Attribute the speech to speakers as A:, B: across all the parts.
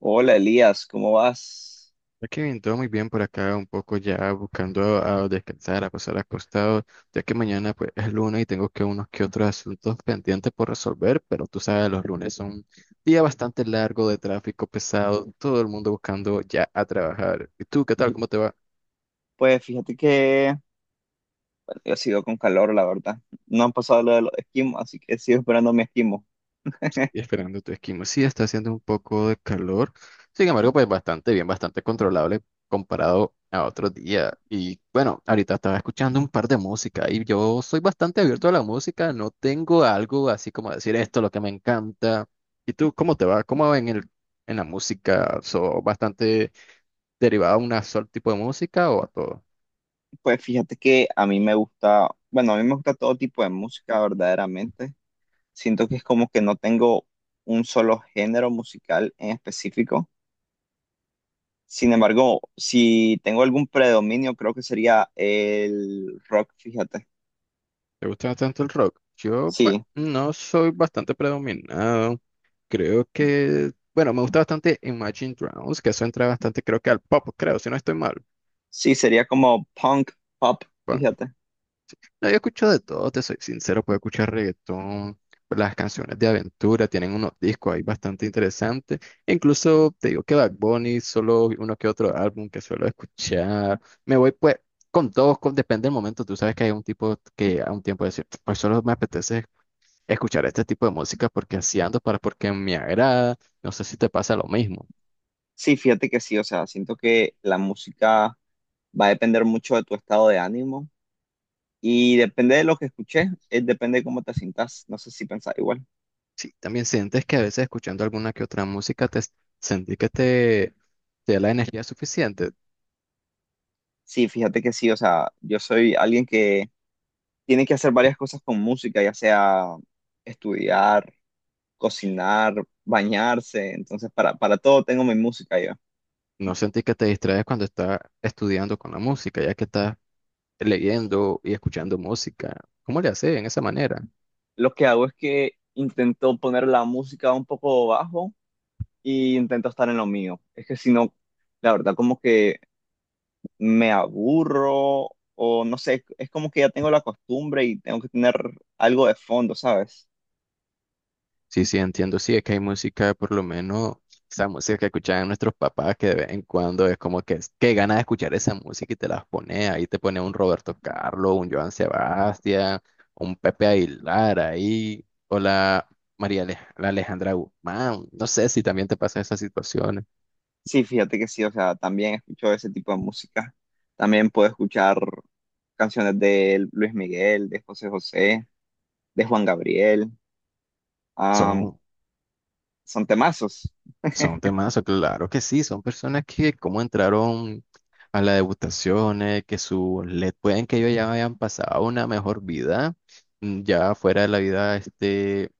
A: Hola Elías, ¿cómo vas?
B: Ya que bien, todo muy bien por acá, un poco ya buscando a descansar, a pasar acostado, ya que mañana pues es lunes y tengo que unos que otros asuntos pendientes por resolver, pero tú sabes, los lunes son un día bastante largo de tráfico pesado, todo el mundo buscando ya a trabajar. ¿Y tú qué tal? ¿Cómo te va?
A: Pues fíjate que bueno, yo sigo con calor, la verdad. No han pasado lo de los esquimos, así que sigo esperando mi esquimo.
B: Sí, esperando tu esquema. Sí, está haciendo un poco de calor. Sin embargo, pues bastante bien, bastante controlable comparado a otro día. Y bueno, ahorita estaba escuchando un par de música y yo soy bastante abierto a la música. No tengo algo así como decir esto, es lo que me encanta. ¿Y tú cómo te va? ¿Cómo va en en la música? ¿So bastante derivado a un solo tipo de música o a todo?
A: Pues fíjate que a mí me gusta, bueno, a mí me gusta todo tipo de música, verdaderamente. Siento que es como que no tengo un solo género musical en específico. Sin embargo, si tengo algún predominio, creo que sería el rock, fíjate.
B: ¿Te gusta tanto el rock? Yo, pues,
A: Sí,
B: no soy bastante predominado. Creo que, bueno, me gusta bastante Imagine Dragons, que eso entra bastante, creo que al pop, creo, si no estoy mal.
A: sí, sería como punk, pop,
B: Bueno,
A: fíjate.
B: no, yo escucho de todo, te soy sincero, puedo escuchar reggaetón, las canciones de aventura, tienen unos discos ahí bastante interesantes. Incluso te digo que Bad Bunny, solo uno que otro álbum que suelo escuchar. Me voy pues con todos, con- depende del momento. Tú sabes que hay un tipo que a un tiempo decir, pues solo me apetece escuchar este tipo de música porque así ando, para, porque me agrada. No sé si te pasa lo mismo.
A: Sí, fíjate que sí, o sea, siento que la música va a depender mucho de tu estado de ánimo y depende de lo que escuches, depende de cómo te sientas, no sé si pensás igual.
B: Sí, también sientes que a veces escuchando alguna que otra música te sentí que te da la energía suficiente.
A: Sí, fíjate que sí, o sea, yo soy alguien que tiene que hacer varias cosas con música, ya sea estudiar, cocinar, bañarse, entonces para todo tengo mi música yo.
B: No sentí que te distraes cuando estás estudiando con la música, ya que estás leyendo y escuchando música. ¿Cómo le haces en esa manera?
A: Lo que hago es que intento poner la música un poco bajo y intento estar en lo mío. Es que si no, la verdad como que me aburro o no sé, es como que ya tengo la costumbre y tengo que tener algo de fondo, ¿sabes?
B: Sí, sí, entiendo. Sí, es que hay música, por lo menos, esa música que escuchaban nuestros papás, que de vez en cuando es como que, es- qué ganas de escuchar esa música y te las pone ahí, te pone un Roberto Carlos, un Joan Sebastián, un Pepe Aguilar ahí, o la María Ale- la Alejandra Guzmán. No sé si también te pasan esas situaciones.
A: Sí, fíjate que sí, o sea, también escucho ese tipo de música. También puedo escuchar canciones de Luis Miguel, de José José, de Juan Gabriel. am,
B: Son
A: Son temazos.
B: Son temazos, claro que sí, son personas que como entraron a las degustaciones, que su le pueden que ellos ya hayan pasado una mejor vida, ya fuera de la vida este,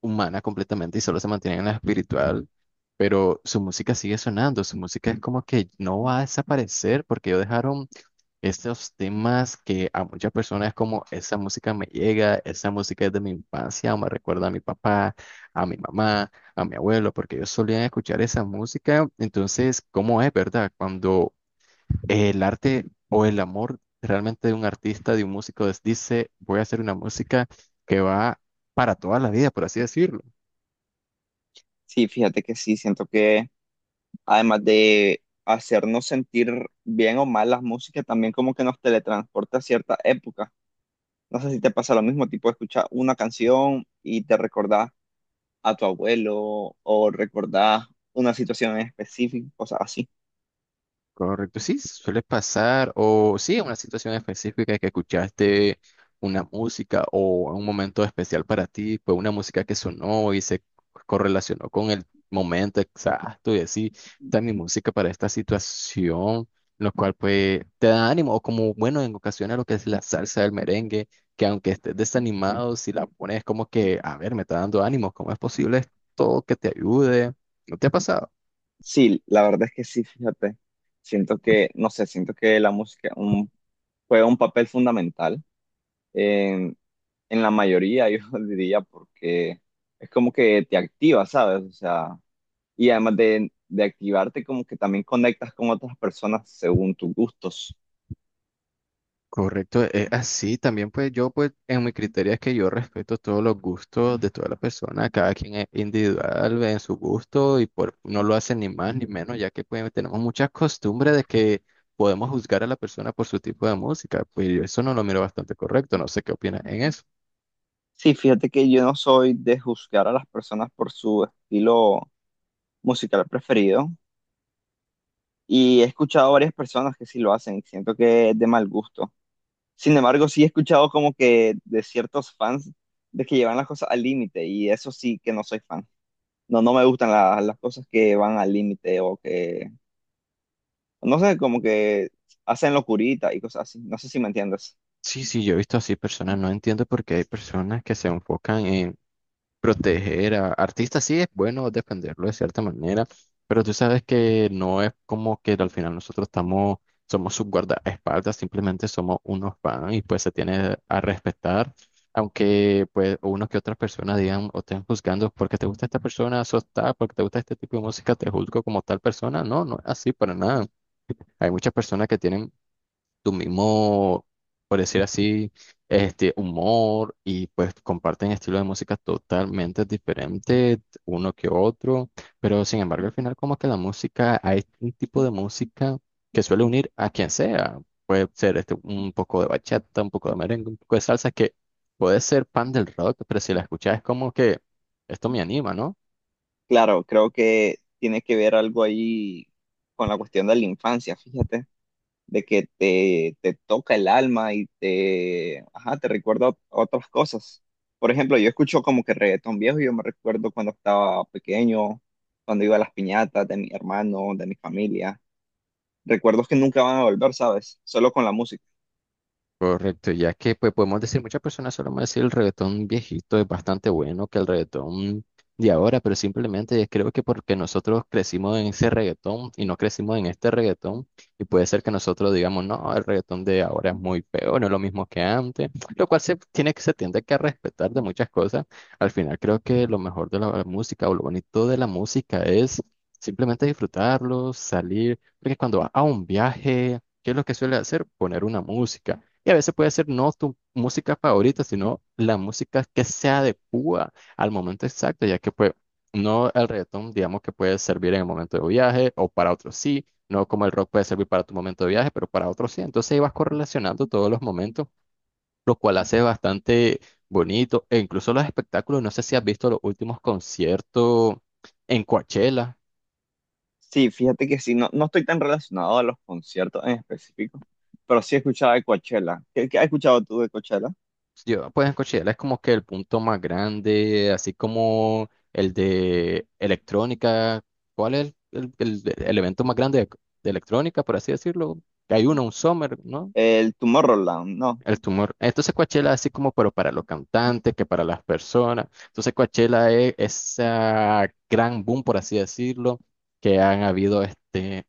B: humana completamente y solo se mantienen en la espiritual, pero su música sigue sonando, su música es como que no va a desaparecer porque ellos dejaron estos temas que a muchas personas es como esa música me llega, esa música es de mi infancia, o me recuerda a mi papá, a mi mamá, a mi abuelo, porque ellos solían escuchar esa música. Entonces, ¿cómo es, verdad? Cuando el arte o el amor realmente de un artista, de un músico, les dice, voy a hacer una música que va para toda la vida, por así decirlo.
A: Sí, fíjate que sí, siento que además de hacernos sentir bien o mal las músicas, también como que nos teletransporta a cierta época. No sé si te pasa lo mismo, tipo escuchar una canción y te recordás a tu abuelo o recordás una situación en específico, cosas así.
B: Correcto, sí, suele pasar, o sí, en una situación específica que escuchaste una música o un momento especial para ti, fue una música que sonó y se correlacionó con el momento exacto y así, está mi música para esta situación, lo cual pues te da ánimo, o como bueno, en ocasiones lo que es la salsa del merengue, que aunque estés desanimado, si la pones como que, a ver, me está dando ánimo, ¿cómo es posible esto que te ayude? ¿No te ha pasado?
A: Sí, la verdad es que sí, fíjate. Siento que, no sé, siento que juega un papel fundamental en, en la mayoría, yo diría, porque es como que te activa, ¿sabes? O sea, y además de activarte, como que también conectas con otras personas según tus gustos.
B: Correcto, es así. También pues yo pues en mi criterio es que yo respeto todos los gustos de toda la persona, cada quien es individual en su gusto y por, no lo hace ni más ni menos, ya que pues tenemos muchas costumbres de que podemos juzgar a la persona por su tipo de música, pues yo eso no lo miro bastante correcto, no sé qué opinas en eso.
A: Sí, fíjate que yo no soy de juzgar a las personas por su estilo musical preferido y he escuchado a varias personas que sí lo hacen y siento que es de mal gusto. Sin embargo, sí he escuchado como que de ciertos fans de que llevan las cosas al límite y eso sí que no soy fan. No, no me gustan las cosas que van al límite o que, no sé, como que hacen locurita y cosas así. No sé si me entiendes.
B: Sí, sí, yo he visto así personas, no entiendo por qué hay personas que se enfocan en proteger a artistas sí es bueno defenderlo de cierta manera, pero tú sabes que no es como que al final nosotros estamos, somos sus guardaespaldas, simplemente somos unos fans y pues se tiene a respetar, aunque pues unos que otras personas digan o estén juzgando porque te gusta esta persona, sos tal, porque te gusta este tipo de música, te juzgo como tal persona, no, no es así para nada. Hay muchas personas que tienen tu mismo, por decir así, este humor y pues comparten estilos de música totalmente diferentes uno que otro, pero sin embargo al final como que la música, hay un tipo de música que suele unir a quien sea, puede ser este, un poco de bachata, un poco de merengue, un poco de salsa, que puede ser pan del rock, pero si la escuchas es como que esto me anima, ¿no?
A: Claro, creo que tiene que ver algo ahí con la cuestión de la infancia, fíjate. De que te toca el alma y te, ajá, te recuerda otras cosas. Por ejemplo, yo escucho como que reggaetón viejo, y yo me recuerdo cuando estaba pequeño, cuando iba a las piñatas de mi hermano, de mi familia. Recuerdos que nunca van a volver, ¿sabes? Solo con la música.
B: Correcto, ya que pues podemos decir, muchas personas solemos decir el reggaetón viejito es bastante bueno que el reggaetón de ahora, pero simplemente creo que porque nosotros crecimos en ese reggaetón y no crecimos en este reggaetón, y puede ser que nosotros digamos, no, el reggaetón de ahora es muy feo, no es lo mismo que antes, lo cual se tiene que, se tiende que a respetar de muchas cosas. Al final creo que lo mejor de la música o lo bonito de la música es simplemente disfrutarlo, salir, porque cuando vas a un viaje, ¿qué es lo que suele hacer? Poner una música. Y a veces puede ser no tu música favorita, sino la música que se adecua al momento exacto, ya que pues no el reggaetón, digamos que puede servir en el momento de viaje o para otros sí, no como el rock puede servir para tu momento de viaje, pero para otros sí. Entonces ahí vas correlacionando todos los momentos, lo cual hace bastante bonito. E incluso los espectáculos, no sé si has visto los últimos conciertos en Coachella.
A: Sí, fíjate que sí, no, no estoy tan relacionado a los conciertos en específico, pero sí escuchaba de Coachella. ¿Qué has escuchado tú de Coachella?
B: Yo, pues en Coachella es como que el punto más grande, así como el de electrónica. ¿Cuál es el evento más grande de electrónica, por así decirlo? Que hay uno, un Summer, ¿no?
A: El Tomorrowland, ¿no?
B: El tumor. Entonces Coachella así como, pero para los cantantes, que para las personas. Entonces Coachella es esa gran boom, por así decirlo, que han habido este.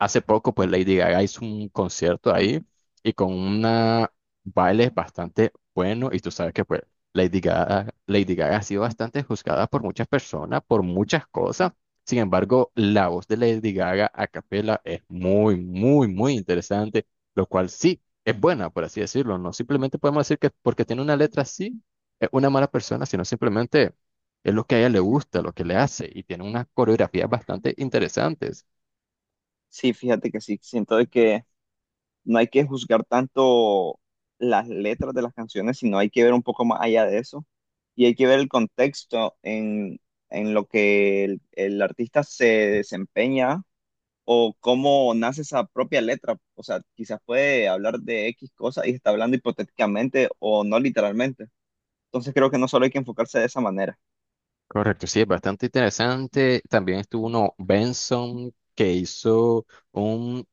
B: Hace poco, pues Lady Gaga hizo un concierto ahí y con una baile bastante bueno. Y tú sabes que, pues, Lady Gaga ha sido bastante juzgada por muchas personas, por muchas cosas. Sin embargo, la voz de Lady Gaga a capela es muy, muy, muy interesante, lo cual sí es buena, por así decirlo. No simplemente podemos decir que porque tiene una letra así, es una mala persona, sino simplemente es lo que a ella le gusta, lo que le hace y tiene unas coreografías bastante interesantes.
A: Sí, fíjate que sí, siento de que no hay que juzgar tanto las letras de las canciones, sino hay que ver un poco más allá de eso y hay que ver el contexto en lo que el artista se desempeña o cómo nace esa propia letra. O sea, quizás puede hablar de X cosa y está hablando hipotéticamente o no literalmente. Entonces creo que no solo hay que enfocarse de esa manera.
B: Correcto, sí, es bastante interesante. También estuvo uno, Benson, que hizo un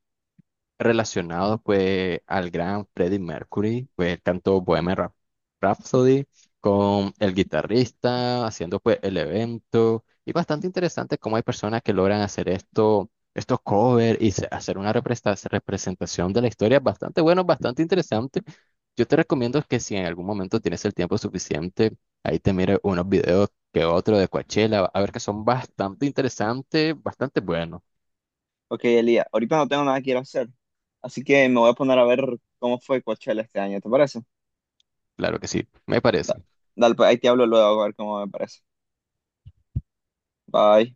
B: relacionado pues al gran Freddie Mercury, pues él cantó Rhapsody con el guitarrista, haciendo pues el evento. Y bastante interesante cómo hay personas que logran hacer esto, estos covers y se- hacer una representación de la historia bastante bueno, bastante interesante. Yo te recomiendo que si en algún momento tienes el tiempo suficiente, ahí te mires unos videos que otro de Coachella, a ver que son bastante interesantes, bastante buenos.
A: Ok, Elías, ahorita no tengo nada que ir a hacer, así que me voy a poner a ver cómo fue Coachella este año, ¿te parece?
B: Claro que sí, me
A: Da-
B: parece.
A: Dale, pues ahí te hablo luego a ver cómo me parece. Bye.